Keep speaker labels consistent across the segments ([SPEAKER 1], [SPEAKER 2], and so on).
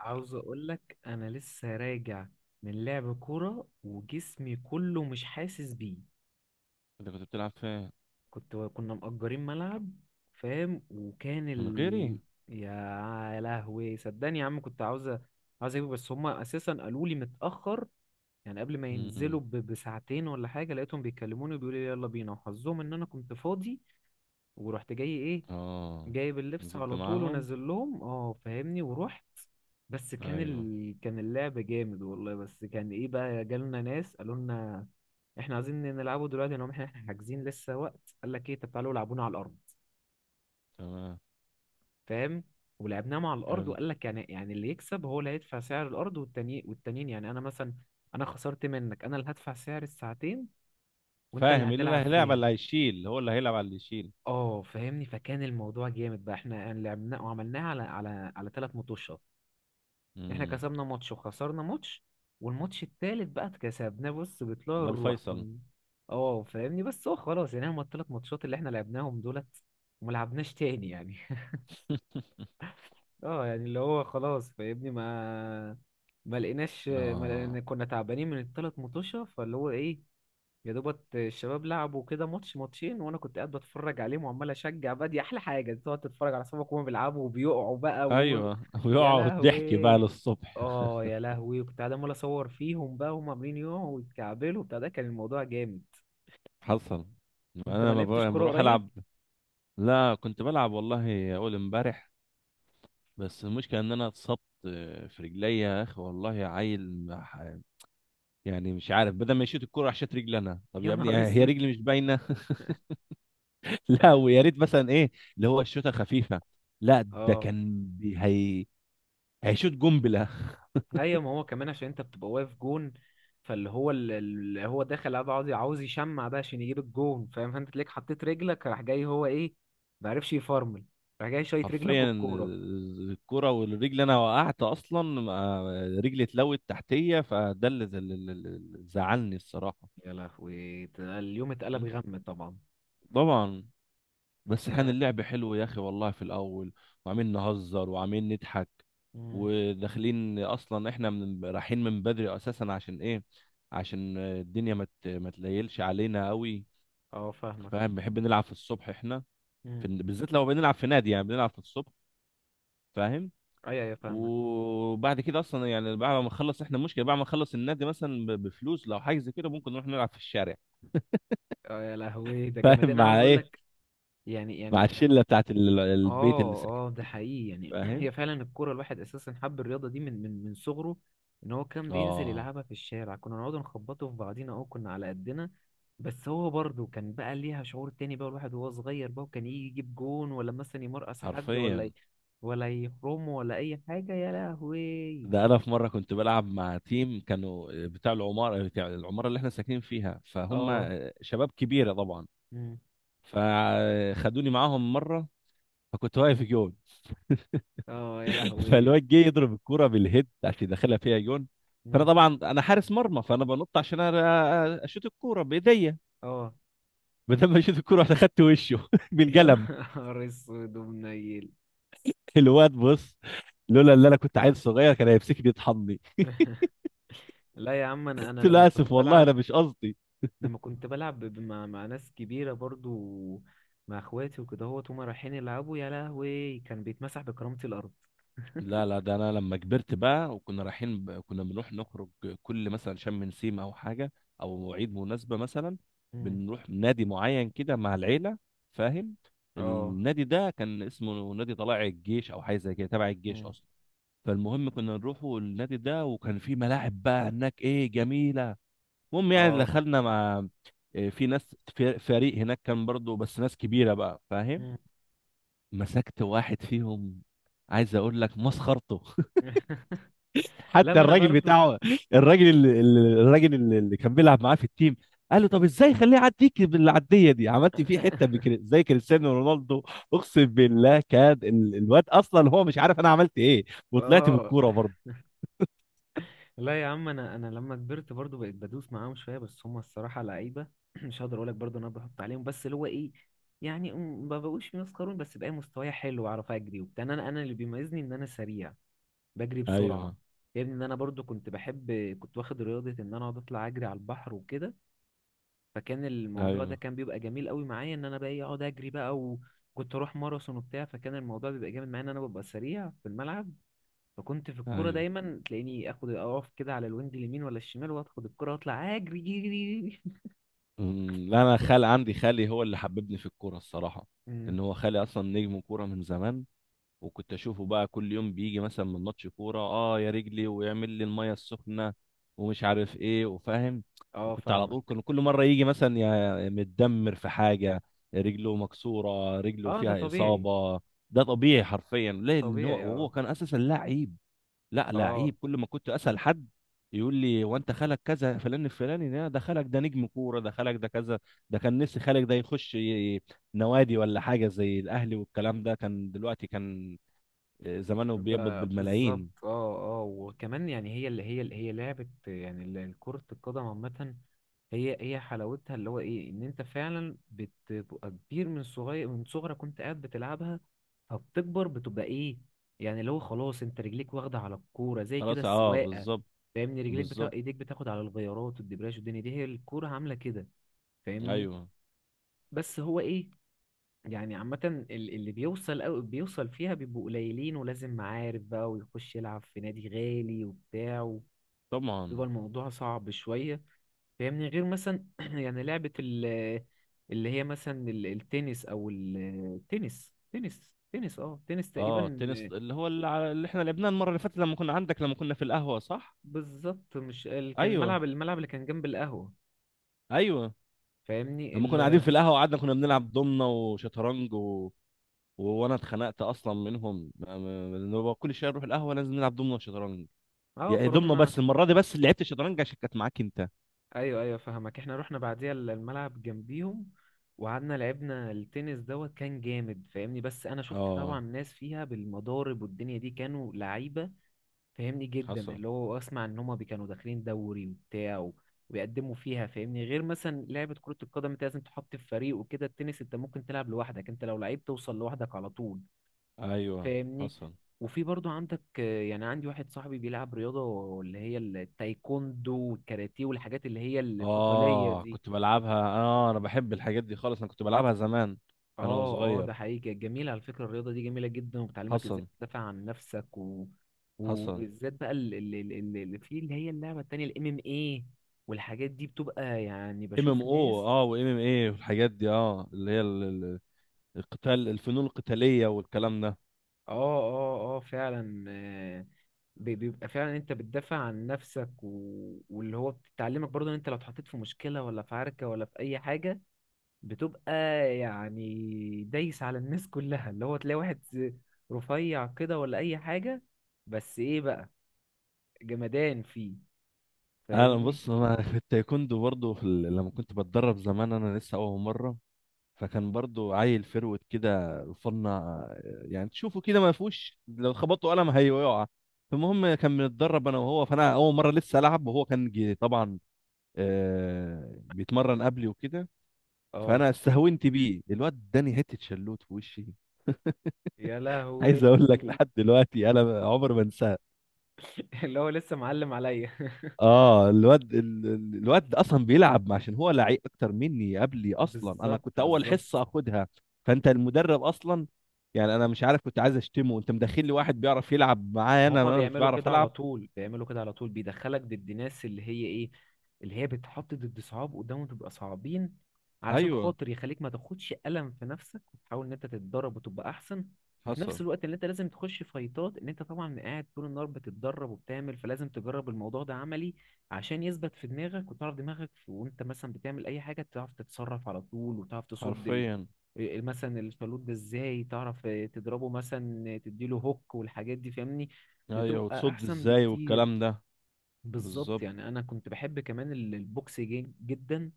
[SPEAKER 1] عاوز اقول لك انا لسه راجع من لعب كوره وجسمي كله مش حاسس بيه.
[SPEAKER 2] انت كنت بتلعب فين؟
[SPEAKER 1] كنا مأجرين ملعب، فاهم، وكان
[SPEAKER 2] من
[SPEAKER 1] ال...
[SPEAKER 2] غيري؟
[SPEAKER 1] يا لهوي صدقني يا عم، كنت عاوز اجيبه، بس هما اساسا قالوا لي متأخر، يعني قبل ما
[SPEAKER 2] مم.
[SPEAKER 1] ينزلوا ب... بساعتين ولا حاجه لقيتهم بيكلموني وبيقولوا لي يلا بينا، وحظهم ان انا كنت فاضي ورحت جاي ايه
[SPEAKER 2] اه.
[SPEAKER 1] جايب اللبس
[SPEAKER 2] نزلت
[SPEAKER 1] على طول
[SPEAKER 2] معاهم؟
[SPEAKER 1] ونزل لهم، اه فاهمني، ورحت. بس كان
[SPEAKER 2] ايوه.
[SPEAKER 1] ال... كان اللعب جامد والله، بس كان ايه بقى، جالنا ناس قالوا لنا احنا عايزين نلعبوا دلوقتي، لو احنا حاجزين لسه وقت، قال لك ايه طب تعالوا العبونا على الارض،
[SPEAKER 2] تمام.
[SPEAKER 1] فاهم. ولعبناهم على الارض
[SPEAKER 2] حلو.
[SPEAKER 1] وقال لك يعني اللي يكسب هو اللي هيدفع سعر الارض، والتاني والتانيين، يعني انا مثلا انا خسرت منك انا اللي هدفع سعر الساعتين وانت اللي
[SPEAKER 2] فاهم؟ إيه اللي
[SPEAKER 1] هتلعب
[SPEAKER 2] هيلعب على
[SPEAKER 1] فيها.
[SPEAKER 2] اللي هيشيل، هو اللي هيلعب على اللي يشيل.
[SPEAKER 1] اه فاهمني، فكان الموضوع جامد بقى، احنا يعني لعبناه وعملناه على ثلاث مطوشات، احنا
[SPEAKER 2] مم.
[SPEAKER 1] كسبنا ماتش وخسرنا ماتش والماتش التالت بقى اتكسبناه، بص بطلوع
[SPEAKER 2] ده
[SPEAKER 1] الروح
[SPEAKER 2] الفيصل.
[SPEAKER 1] كنا. اه فاهمني، بس هو خلاص يعني هما التلات ماتشات اللي احنا لعبناهم دولت، وما لعبناش تاني يعني. اه يعني اللي هو خلاص فاهمني، ما
[SPEAKER 2] اه.
[SPEAKER 1] لقينا، كنا تعبانين من التلات مطوشة، فاللي هو ايه، يا دوبت الشباب لعبوا كده ماتش ماتشين وانا كنت قاعد بتفرج عليهم وعمال اشجع بقى. دي احلى حاجة تقعد تتفرج على صحابك وهم بيلعبوا وبيقعوا بقى وهم،
[SPEAKER 2] ايوه،
[SPEAKER 1] يا
[SPEAKER 2] ويقعد ضحك بقى
[SPEAKER 1] لهوي.
[SPEAKER 2] للصبح.
[SPEAKER 1] اه يا لهوي، كنت قاعد عمال اصور فيهم بقى وهم عاملين يوم ويتكعبلوا بتاع، ده كان الموضوع جامد.
[SPEAKER 2] حصل. ما
[SPEAKER 1] انت
[SPEAKER 2] انا
[SPEAKER 1] ما
[SPEAKER 2] لما بروح
[SPEAKER 1] لعبتش
[SPEAKER 2] لما
[SPEAKER 1] كوره
[SPEAKER 2] بروح العب.
[SPEAKER 1] قريب؟
[SPEAKER 2] لا، كنت بلعب والله اول امبارح. بس المشكله ان انا اتصبت في رجليا يا اخي والله عيل. يعني مش عارف، بدل ما يشوط الكرة راح شاط رجلي انا. طب
[SPEAKER 1] يا
[SPEAKER 2] يا ابني،
[SPEAKER 1] نهار
[SPEAKER 2] يعني هي
[SPEAKER 1] اسود.
[SPEAKER 2] رجلي مش باينه؟ لا، ويا ريت مثلا ايه، اللي هو الشوطه خفيفه. لا، ده
[SPEAKER 1] اه،
[SPEAKER 2] كان هي هيشوط قنبله.
[SPEAKER 1] ايوه، ما هو كمان عشان انت بتبقى واقف جون، فاللي هو اللي هو داخل قاعد عاوز يشمع بقى عشان يجيب الجون، فاهم، فانت تلاقيك حطيت رجلك، راح جاي هو ايه، ما عرفش يفرمل، راح جاي شايط رجلك
[SPEAKER 2] حرفيا،
[SPEAKER 1] والكوره.
[SPEAKER 2] الكرة والرجل. انا وقعت اصلا، رجلي اتلوت تحتيه، فده اللي اللي زعلني الصراحه.
[SPEAKER 1] يا لهوي، ده اليوم اتقلب
[SPEAKER 2] م؟
[SPEAKER 1] غم طبعا.
[SPEAKER 2] طبعا. بس كان
[SPEAKER 1] اه.
[SPEAKER 2] اللعب حلو يا اخي والله في الاول، وعاملين نهزر وعاملين نضحك.
[SPEAKER 1] مم.
[SPEAKER 2] وداخلين اصلا احنا من رايحين من بدري اساسا عشان ايه؟ عشان الدنيا ما تليلش علينا قوي.
[SPEAKER 1] اه فاهمك.
[SPEAKER 2] فاهم؟ بنحب نلعب في الصبح احنا.
[SPEAKER 1] مم.
[SPEAKER 2] بالذات لو بنلعب في نادي، يعني بنلعب في الصبح. فاهم؟
[SPEAKER 1] ايوه ايوه فاهمك.
[SPEAKER 2] وبعد كده اصلا، يعني بعد ما نخلص احنا المشكله بعد ما نخلص النادي مثلا بفلوس، لو حاجه زي كده ممكن نروح نلعب في الشارع.
[SPEAKER 1] اه يا لهوي ده جامد،
[SPEAKER 2] فاهم؟
[SPEAKER 1] انا عاوز
[SPEAKER 2] مع
[SPEAKER 1] اقول
[SPEAKER 2] ايه؟
[SPEAKER 1] لك يعني
[SPEAKER 2] مع
[SPEAKER 1] يعني.
[SPEAKER 2] الشله بتاعت البيت اللي ساكن
[SPEAKER 1] اه اه ده
[SPEAKER 2] فيه.
[SPEAKER 1] حقيقي يعني
[SPEAKER 2] فاهم؟
[SPEAKER 1] هي فعلا الكوره، الواحد اساسا حب الرياضه دي من صغره، ان هو كان بينزل
[SPEAKER 2] اه،
[SPEAKER 1] يلعبها في الشارع، كنا نقعد نخبطه في بعضينا، اه كنا على قدنا. بس هو برضه كان بقى ليها شعور تاني بقى الواحد وهو صغير بقى، وكان يجي يجيب جون، ولا مثلا يمرقص حد،
[SPEAKER 2] حرفيا.
[SPEAKER 1] ولا يحرمه ولا اي حاجه، يا لهوي.
[SPEAKER 2] ده انا في مره كنت بلعب مع تيم كانوا بتاع العماره اللي احنا ساكنين فيها، فهم
[SPEAKER 1] اه.
[SPEAKER 2] شباب كبيره طبعا.
[SPEAKER 1] مم.
[SPEAKER 2] فخدوني معاهم مره. فكنت واقف جون.
[SPEAKER 1] اه يا لهوي.
[SPEAKER 2] فالواد جه يضرب الكوره بالهيد عشان يدخلها فيها جون. فانا
[SPEAKER 1] مم.
[SPEAKER 2] طبعا انا حارس مرمى، فانا بنط عشان اشوط الكوره بايديا.
[SPEAKER 1] اه.
[SPEAKER 2] بدل ما اشوط الكوره رحت اخدت وشه
[SPEAKER 1] يا
[SPEAKER 2] بالقلم.
[SPEAKER 1] نهار اسود ومنيل.
[SPEAKER 2] الواد بص، لولا اللي انا كنت عيل صغير كان هيمسكني يطحني.
[SPEAKER 1] لا يا عم، انا
[SPEAKER 2] قلت
[SPEAKER 1] لما
[SPEAKER 2] له
[SPEAKER 1] كنت
[SPEAKER 2] اسف والله انا
[SPEAKER 1] بلعب،
[SPEAKER 2] مش قصدي.
[SPEAKER 1] لما كنت بلعب مع ناس كبيرة برضو، مع اخواتي وكده، هوت هما رايحين يلعبوا، يا لهوي، كان بيتمسح بكرامة الارض.
[SPEAKER 2] لا لا، ده انا لما كبرت بقى وكنا رايحين كنا بنروح نخرج كل مثلا شم نسيم او حاجه، او عيد مناسبه مثلا،
[SPEAKER 1] مم.
[SPEAKER 2] بنروح نادي معين كده مع العيله. فاهم؟
[SPEAKER 1] اه.
[SPEAKER 2] النادي ده كان اسمه نادي طلائع الجيش، او حاجه زي كده، تبع الجيش
[SPEAKER 1] مم.
[SPEAKER 2] اصلا. فالمهم كنا نروحوا النادي ده، وكان في ملاعب بقى هناك ايه جميله. المهم يعني
[SPEAKER 1] اه.
[SPEAKER 2] دخلنا مع، إيه، في ناس في فريق هناك كان برضو، بس ناس كبيره بقى. فاهم؟
[SPEAKER 1] مم.
[SPEAKER 2] مسكت واحد فيهم، عايز اقول لك مسخرته.
[SPEAKER 1] لا
[SPEAKER 2] حتى
[SPEAKER 1] ما انا
[SPEAKER 2] الراجل
[SPEAKER 1] برضو.
[SPEAKER 2] بتاعه، الراجل اللي كان بيلعب معاه في التيم قال له طب ازاي خليه يعديك بالعديه دي؟ عملت فيه حته زي كريستيانو رونالدو. اقسم بالله كان الواد اصلا هو مش عارف انا عملت ايه، وطلعت
[SPEAKER 1] اه.
[SPEAKER 2] بالكوره برضه.
[SPEAKER 1] لا يا عم، انا لما كبرت برضو بقيت بدوس معاهم شويه، بس هم الصراحه لعيبه. مش هقدر اقول لك برضو إن انا بحط عليهم، بس اللي هو ايه، يعني ما بقوش مسخرون، بس بقى مستواي حلو واعرف اجري وبتاع، انا انا اللي بيميزني ان انا سريع، بجري
[SPEAKER 2] ايوه،
[SPEAKER 1] بسرعه. غير ان انا برضو كنت بحب، كنت واخد رياضه ان انا اقعد اطلع اجري على البحر وكده، فكان الموضوع ده
[SPEAKER 2] ايوه،
[SPEAKER 1] كان بيبقى جميل قوي معايا ان انا بقى إيه اقعد اجري بقى، وكنت اروح ماراثون وبتاع، فكان الموضوع بيبقى جامد معايا ان انا ببقى سريع في الملعب. فكنت في الكوره
[SPEAKER 2] ايوه.
[SPEAKER 1] دايما تلاقيني اخد اقف كده على الوينج اليمين ولا الشمال واخد الكوره واطلع اجري، جري.
[SPEAKER 2] لا، انا عندي خالي هو اللي حببني في الكوره الصراحه.
[SPEAKER 1] أمم.
[SPEAKER 2] ان هو خالي اصلا نجم كوره من زمان، وكنت اشوفه بقى كل يوم بيجي مثلا من ماتش كوره: اه يا رجلي، ويعمل لي الميه السخنه، ومش عارف ايه، وفاهم.
[SPEAKER 1] اه
[SPEAKER 2] وكنت على
[SPEAKER 1] فاهمك.
[SPEAKER 2] طول، كان كل مره يجي مثلا يا متدمر في حاجه، رجله مكسوره، رجله
[SPEAKER 1] اه ده
[SPEAKER 2] فيها
[SPEAKER 1] طبيعي.
[SPEAKER 2] اصابه. ده طبيعي حرفيا، ليه؟ لان هو
[SPEAKER 1] طبيعي
[SPEAKER 2] وهو
[SPEAKER 1] اه.
[SPEAKER 2] كان اساسا لعيب. لا،
[SPEAKER 1] اه،
[SPEAKER 2] لعيب. كل ما كنت اسال حد يقول لي هو انت خالك كذا فلان الفلاني، ده خالك، ده نجم كوره، ده خالك، ده كذا. ده كان نفسي خالك ده يخش نوادي ولا حاجه زي الاهلي، والكلام ده كان دلوقتي كان زمانه بيقبض
[SPEAKER 1] ب-
[SPEAKER 2] بالملايين.
[SPEAKER 1] بالظبط، اه اه وكمان يعني هي اللي هي لعبة يعني ال- كرة القدم عامة، هي حلاوتها اللي هو ايه ان انت فعلا بتبقى كبير من صغير، من صغرك كنت قاعد بتلعبها فبتكبر بتبقى ايه، يعني اللي هو خلاص انت رجليك واخدة على الكورة زي كده
[SPEAKER 2] خلاص، اه،
[SPEAKER 1] السواقة،
[SPEAKER 2] بالظبط.
[SPEAKER 1] فاهمني، رجليك بتا...
[SPEAKER 2] بالظبط.
[SPEAKER 1] ايديك بتاخد على الغيارات والدبرياج، والدنيا دي هي الكورة عاملة كده، فاهمني.
[SPEAKER 2] ايوه.
[SPEAKER 1] بس هو ايه، يعني عامة ال- اللي بيوصل أو بيوصل فيها بيبقوا قليلين، ولازم معارف بقى ويخش يلعب في نادي غالي وبتاع،
[SPEAKER 2] طبعا.
[SPEAKER 1] بيبقى الموضوع صعب شوية، فاهمني. غير مثلا يعني لعبة ال اللي هي مثلا ال- التنس أو ال- التنس تنس اه تنس
[SPEAKER 2] اه،
[SPEAKER 1] تقريبا.
[SPEAKER 2] التنس اللي احنا لعبناه المره اللي فاتت، لما كنا في القهوه، صح؟
[SPEAKER 1] بالظبط، مش ال- كان
[SPEAKER 2] ايوه،
[SPEAKER 1] الملعب، الملعب اللي كان جنب القهوة،
[SPEAKER 2] ايوه.
[SPEAKER 1] فاهمني
[SPEAKER 2] لما
[SPEAKER 1] ال.
[SPEAKER 2] كنا قاعدين في القهوه قعدنا كنا بنلعب دومنه وشطرنج وانا اتخنقت اصلا منهم، إن هو كل شويه نروح القهوه لازم نلعب دومنه وشطرنج.
[SPEAKER 1] اه
[SPEAKER 2] يعني دومنه،
[SPEAKER 1] فروحنا.
[SPEAKER 2] بس المره دي بس اللي لعبت شطرنج عشان كانت معاك انت.
[SPEAKER 1] ايوه ايوه فهمك، احنا رحنا بعديها ال- الملعب جنبيهم، وقعدنا لعبنا التنس دوت، كان جامد فاهمني، بس انا شفت طبعا
[SPEAKER 2] اه،
[SPEAKER 1] ناس فيها بالمضارب، والدنيا دي كانوا لعيبه فاهمني جدا،
[SPEAKER 2] حصل.
[SPEAKER 1] اللي هو اسمع ان هما كانوا داخلين دوري وبتاع ويقدموا فيها، فاهمني. غير مثلا لعبه كره القدم انت لازم تحط في فريق وكده، التنس انت ممكن تلعب لوحدك، انت لو لعيب توصل لوحدك على طول،
[SPEAKER 2] ايوه،
[SPEAKER 1] فاهمني.
[SPEAKER 2] حصل.
[SPEAKER 1] وفي برضو عندك آه، يعني عندي واحد صاحبي بيلعب رياضة اللي هي التايكوندو والكاراتيه والحاجات اللي هي القتالية
[SPEAKER 2] اه،
[SPEAKER 1] دي.
[SPEAKER 2] كنت بلعبها. اه انا بحب الحاجات دي خالص، انا كنت بلعبها زمان. انا
[SPEAKER 1] اه اه
[SPEAKER 2] وصغير.
[SPEAKER 1] ده حقيقي، كانت جميلة على فكرة، الرياضة دي جميلة جدا وبتعلمك ازاي
[SPEAKER 2] حصل.
[SPEAKER 1] تدافع عن نفسك و...
[SPEAKER 2] حصل.
[SPEAKER 1] وبالذات بقى اللي في اللي هي اللعبة التانية الام ام ايه، والحاجات دي بتبقى يعني
[SPEAKER 2] ام ام
[SPEAKER 1] بشوف
[SPEAKER 2] او،
[SPEAKER 1] ناس.
[SPEAKER 2] وام ام اي، والحاجات دي. اه اللي هي القتال، الفنون القتالية والكلام ده.
[SPEAKER 1] اه اه اه فعلا آه، بيبقى فعلا انت بتدافع عن نفسك و... واللي هو بتتعلمك برضه ان انت لو اتحطيت في مشكلة ولا في عركة ولا في اي حاجة، بتبقى يعني دايس على الناس كلها، اللي هو تلاقي واحد رفيع كده ولا اي حاجة، بس ايه بقى، جمدان فيه،
[SPEAKER 2] انا
[SPEAKER 1] فاهمني.
[SPEAKER 2] بص انا في التايكوندو برضو، في لما كنت بتدرب زمان، انا لسه اول مرة. فكان برضو عيل فروت كده فنا، يعني تشوفه كده ما فيهوش، لو خبطوا قلم هيقع. المهم كان بنتدرب انا وهو، فانا اول مره لسه العب وهو كان طبعا بيتمرن قبلي وكده.
[SPEAKER 1] اه
[SPEAKER 2] فانا استهونت بيه، الواد اداني حته شلوت في وشي.
[SPEAKER 1] يا لهوي.
[SPEAKER 2] عايز اقول لك، لحد دلوقتي انا عمر ما انساها.
[SPEAKER 1] اللي هو لسه معلم عليا.
[SPEAKER 2] اه، الواد اصلا بيلعب عشان هو لعيب اكتر مني، قبلي اصلا، انا كنت
[SPEAKER 1] بالظبط
[SPEAKER 2] اول حصه
[SPEAKER 1] بالظبط.
[SPEAKER 2] اخدها. فانت المدرب اصلا، يعني انا مش عارف، كنت عايز اشتمه. انت مدخل لي واحد بيعرف يلعب معايا؟ انا
[SPEAKER 1] هما
[SPEAKER 2] انا مش
[SPEAKER 1] بيعملوا
[SPEAKER 2] بعرف
[SPEAKER 1] كده على
[SPEAKER 2] العب.
[SPEAKER 1] طول، بيعملوا كده على طول، بيدخلك ضد ناس اللي هي ايه، اللي هي بتحط ضد صعاب قدامهم تبقى صعبين، علشان
[SPEAKER 2] ايوه،
[SPEAKER 1] خاطر يخليك ما تاخدش ألم في نفسك وتحاول ان انت تتدرب وتبقى احسن. وفي نفس
[SPEAKER 2] حصل،
[SPEAKER 1] الوقت اللي انت لازم تخش فايتات ان انت طبعا قاعد طول النهار بتتدرب وبتعمل، فلازم تجرب الموضوع ده عملي عشان يثبت في دماغك وتعرف دماغك، وانت مثلا بتعمل اي حاجة تعرف تتصرف على طول وتعرف تصد
[SPEAKER 2] حرفيا.
[SPEAKER 1] إيه، مثلا الشالوت ده ازاي تعرف تضربه، مثلا تديله هوك والحاجات دي، فاهمني،
[SPEAKER 2] ايوه،
[SPEAKER 1] بتبقى
[SPEAKER 2] وتصد
[SPEAKER 1] احسن
[SPEAKER 2] ازاي
[SPEAKER 1] بكتير.
[SPEAKER 2] والكلام ده.
[SPEAKER 1] بالظبط،
[SPEAKER 2] بالظبط،
[SPEAKER 1] يعني انا كنت بحب كمان ال- البوكس جدا،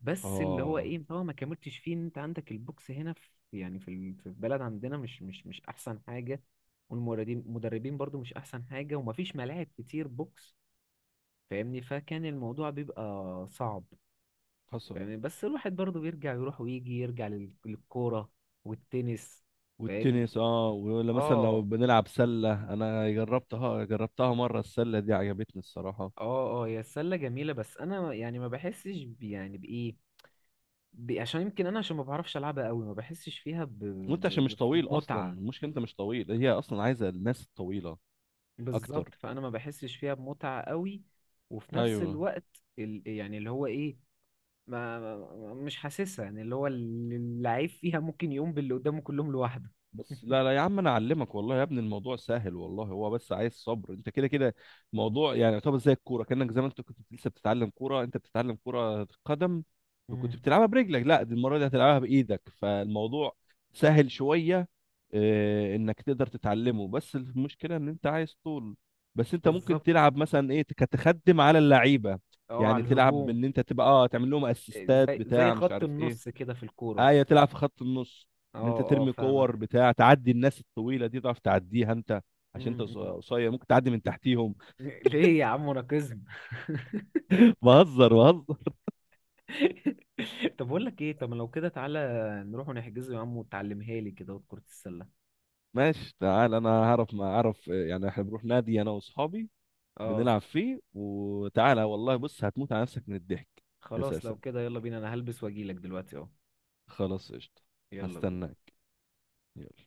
[SPEAKER 1] بس اللي هو
[SPEAKER 2] اه،
[SPEAKER 1] ايه طبعا ما كملتش فيه، ان انت عندك البوكس هنا في يعني في ال- في البلد عندنا مش احسن حاجة، والمدربين مدربين برضو مش احسن حاجة، ومفيش ملاعب كتير بوكس، فاهمني، فكان الموضوع بيبقى صعب.
[SPEAKER 2] حصل.
[SPEAKER 1] يعني بس الواحد برضه بيرجع يروح ويجي يرجع لل- للكورة والتنس، فاهمني.
[SPEAKER 2] والتنس، ولا مثلا لو
[SPEAKER 1] اه
[SPEAKER 2] بنلعب سلة، انا جربتها مرة، السلة دي عجبتني الصراحة.
[SPEAKER 1] اه هي السلة جميلة بس انا يعني ما بحسش يعني بايه، ب- عشان يمكن انا عشان ما بعرفش العبها قوي ما بحسش فيها
[SPEAKER 2] وانت عشان مش طويل اصلا،
[SPEAKER 1] بمتعة.
[SPEAKER 2] المشكلة انت مش طويل، هي اصلا عايزة الناس الطويلة اكتر.
[SPEAKER 1] بالظبط، فانا ما بحسش فيها بمتعة قوي. وفي نفس
[SPEAKER 2] ايوه.
[SPEAKER 1] الوقت ال... يعني اللي هو ايه، مش حاسسها، يعني اللي هو ال- اللعيب فيها ممكن يقوم باللي قدامه كلهم لوحده.
[SPEAKER 2] بس لا لا يا عم، انا اعلمك والله يا ابني، الموضوع سهل والله، هو بس عايز صبر، انت كده كده. موضوع يعني يعتبر زي الكوره، كانك زي ما انت كنت لسه بتتعلم كوره، انت بتتعلم كوره قدم
[SPEAKER 1] مم.
[SPEAKER 2] وكنت بتلعبها برجلك، لا دي المره دي هتلعبها بايدك، فالموضوع سهل شويه. اه، انك تقدر تتعلمه، بس المشكله ان انت عايز طول. بس انت ممكن
[SPEAKER 1] بالظبط
[SPEAKER 2] تلعب مثلا ايه، كتخدم على اللعيبه،
[SPEAKER 1] اه
[SPEAKER 2] يعني
[SPEAKER 1] على
[SPEAKER 2] تلعب
[SPEAKER 1] الهجوم.
[SPEAKER 2] ان انت تبقى تعمل لهم اسيستات
[SPEAKER 1] زي زي
[SPEAKER 2] بتاع مش
[SPEAKER 1] خط
[SPEAKER 2] عارف
[SPEAKER 1] النص
[SPEAKER 2] ايه.
[SPEAKER 1] كده في الكورة.
[SPEAKER 2] ايه، تلعب في خط النص.
[SPEAKER 1] اه
[SPEAKER 2] ان انت
[SPEAKER 1] اه
[SPEAKER 2] ترمي
[SPEAKER 1] فاهمك.
[SPEAKER 2] كور بتاع، تعدي الناس الطويله دي تعرف تعديها انت،
[SPEAKER 1] م-
[SPEAKER 2] عشان انت
[SPEAKER 1] م.
[SPEAKER 2] قصير ممكن تعدي من تحتيهم.
[SPEAKER 1] ليه يا عم راكزم.
[SPEAKER 2] بهزر بهزر.
[SPEAKER 1] طب اقول لك ايه، طب لو كده تعالى نروح ونحجزه يا عم وتعلمها لي كده كرة السلة.
[SPEAKER 2] ماشي، تعال، انا هعرف، ما اعرف يعني احنا بنروح نادي انا واصحابي،
[SPEAKER 1] اه
[SPEAKER 2] بنلعب فيه، وتعالى والله بص هتموت على نفسك من الضحك.
[SPEAKER 1] خلاص لو
[SPEAKER 2] اساسا.
[SPEAKER 1] كده يلا بينا، انا هلبس واجيلك دلوقتي اهو.
[SPEAKER 2] خلاص، قشطه.
[SPEAKER 1] يلا بينا.
[SPEAKER 2] هستناك. يلا.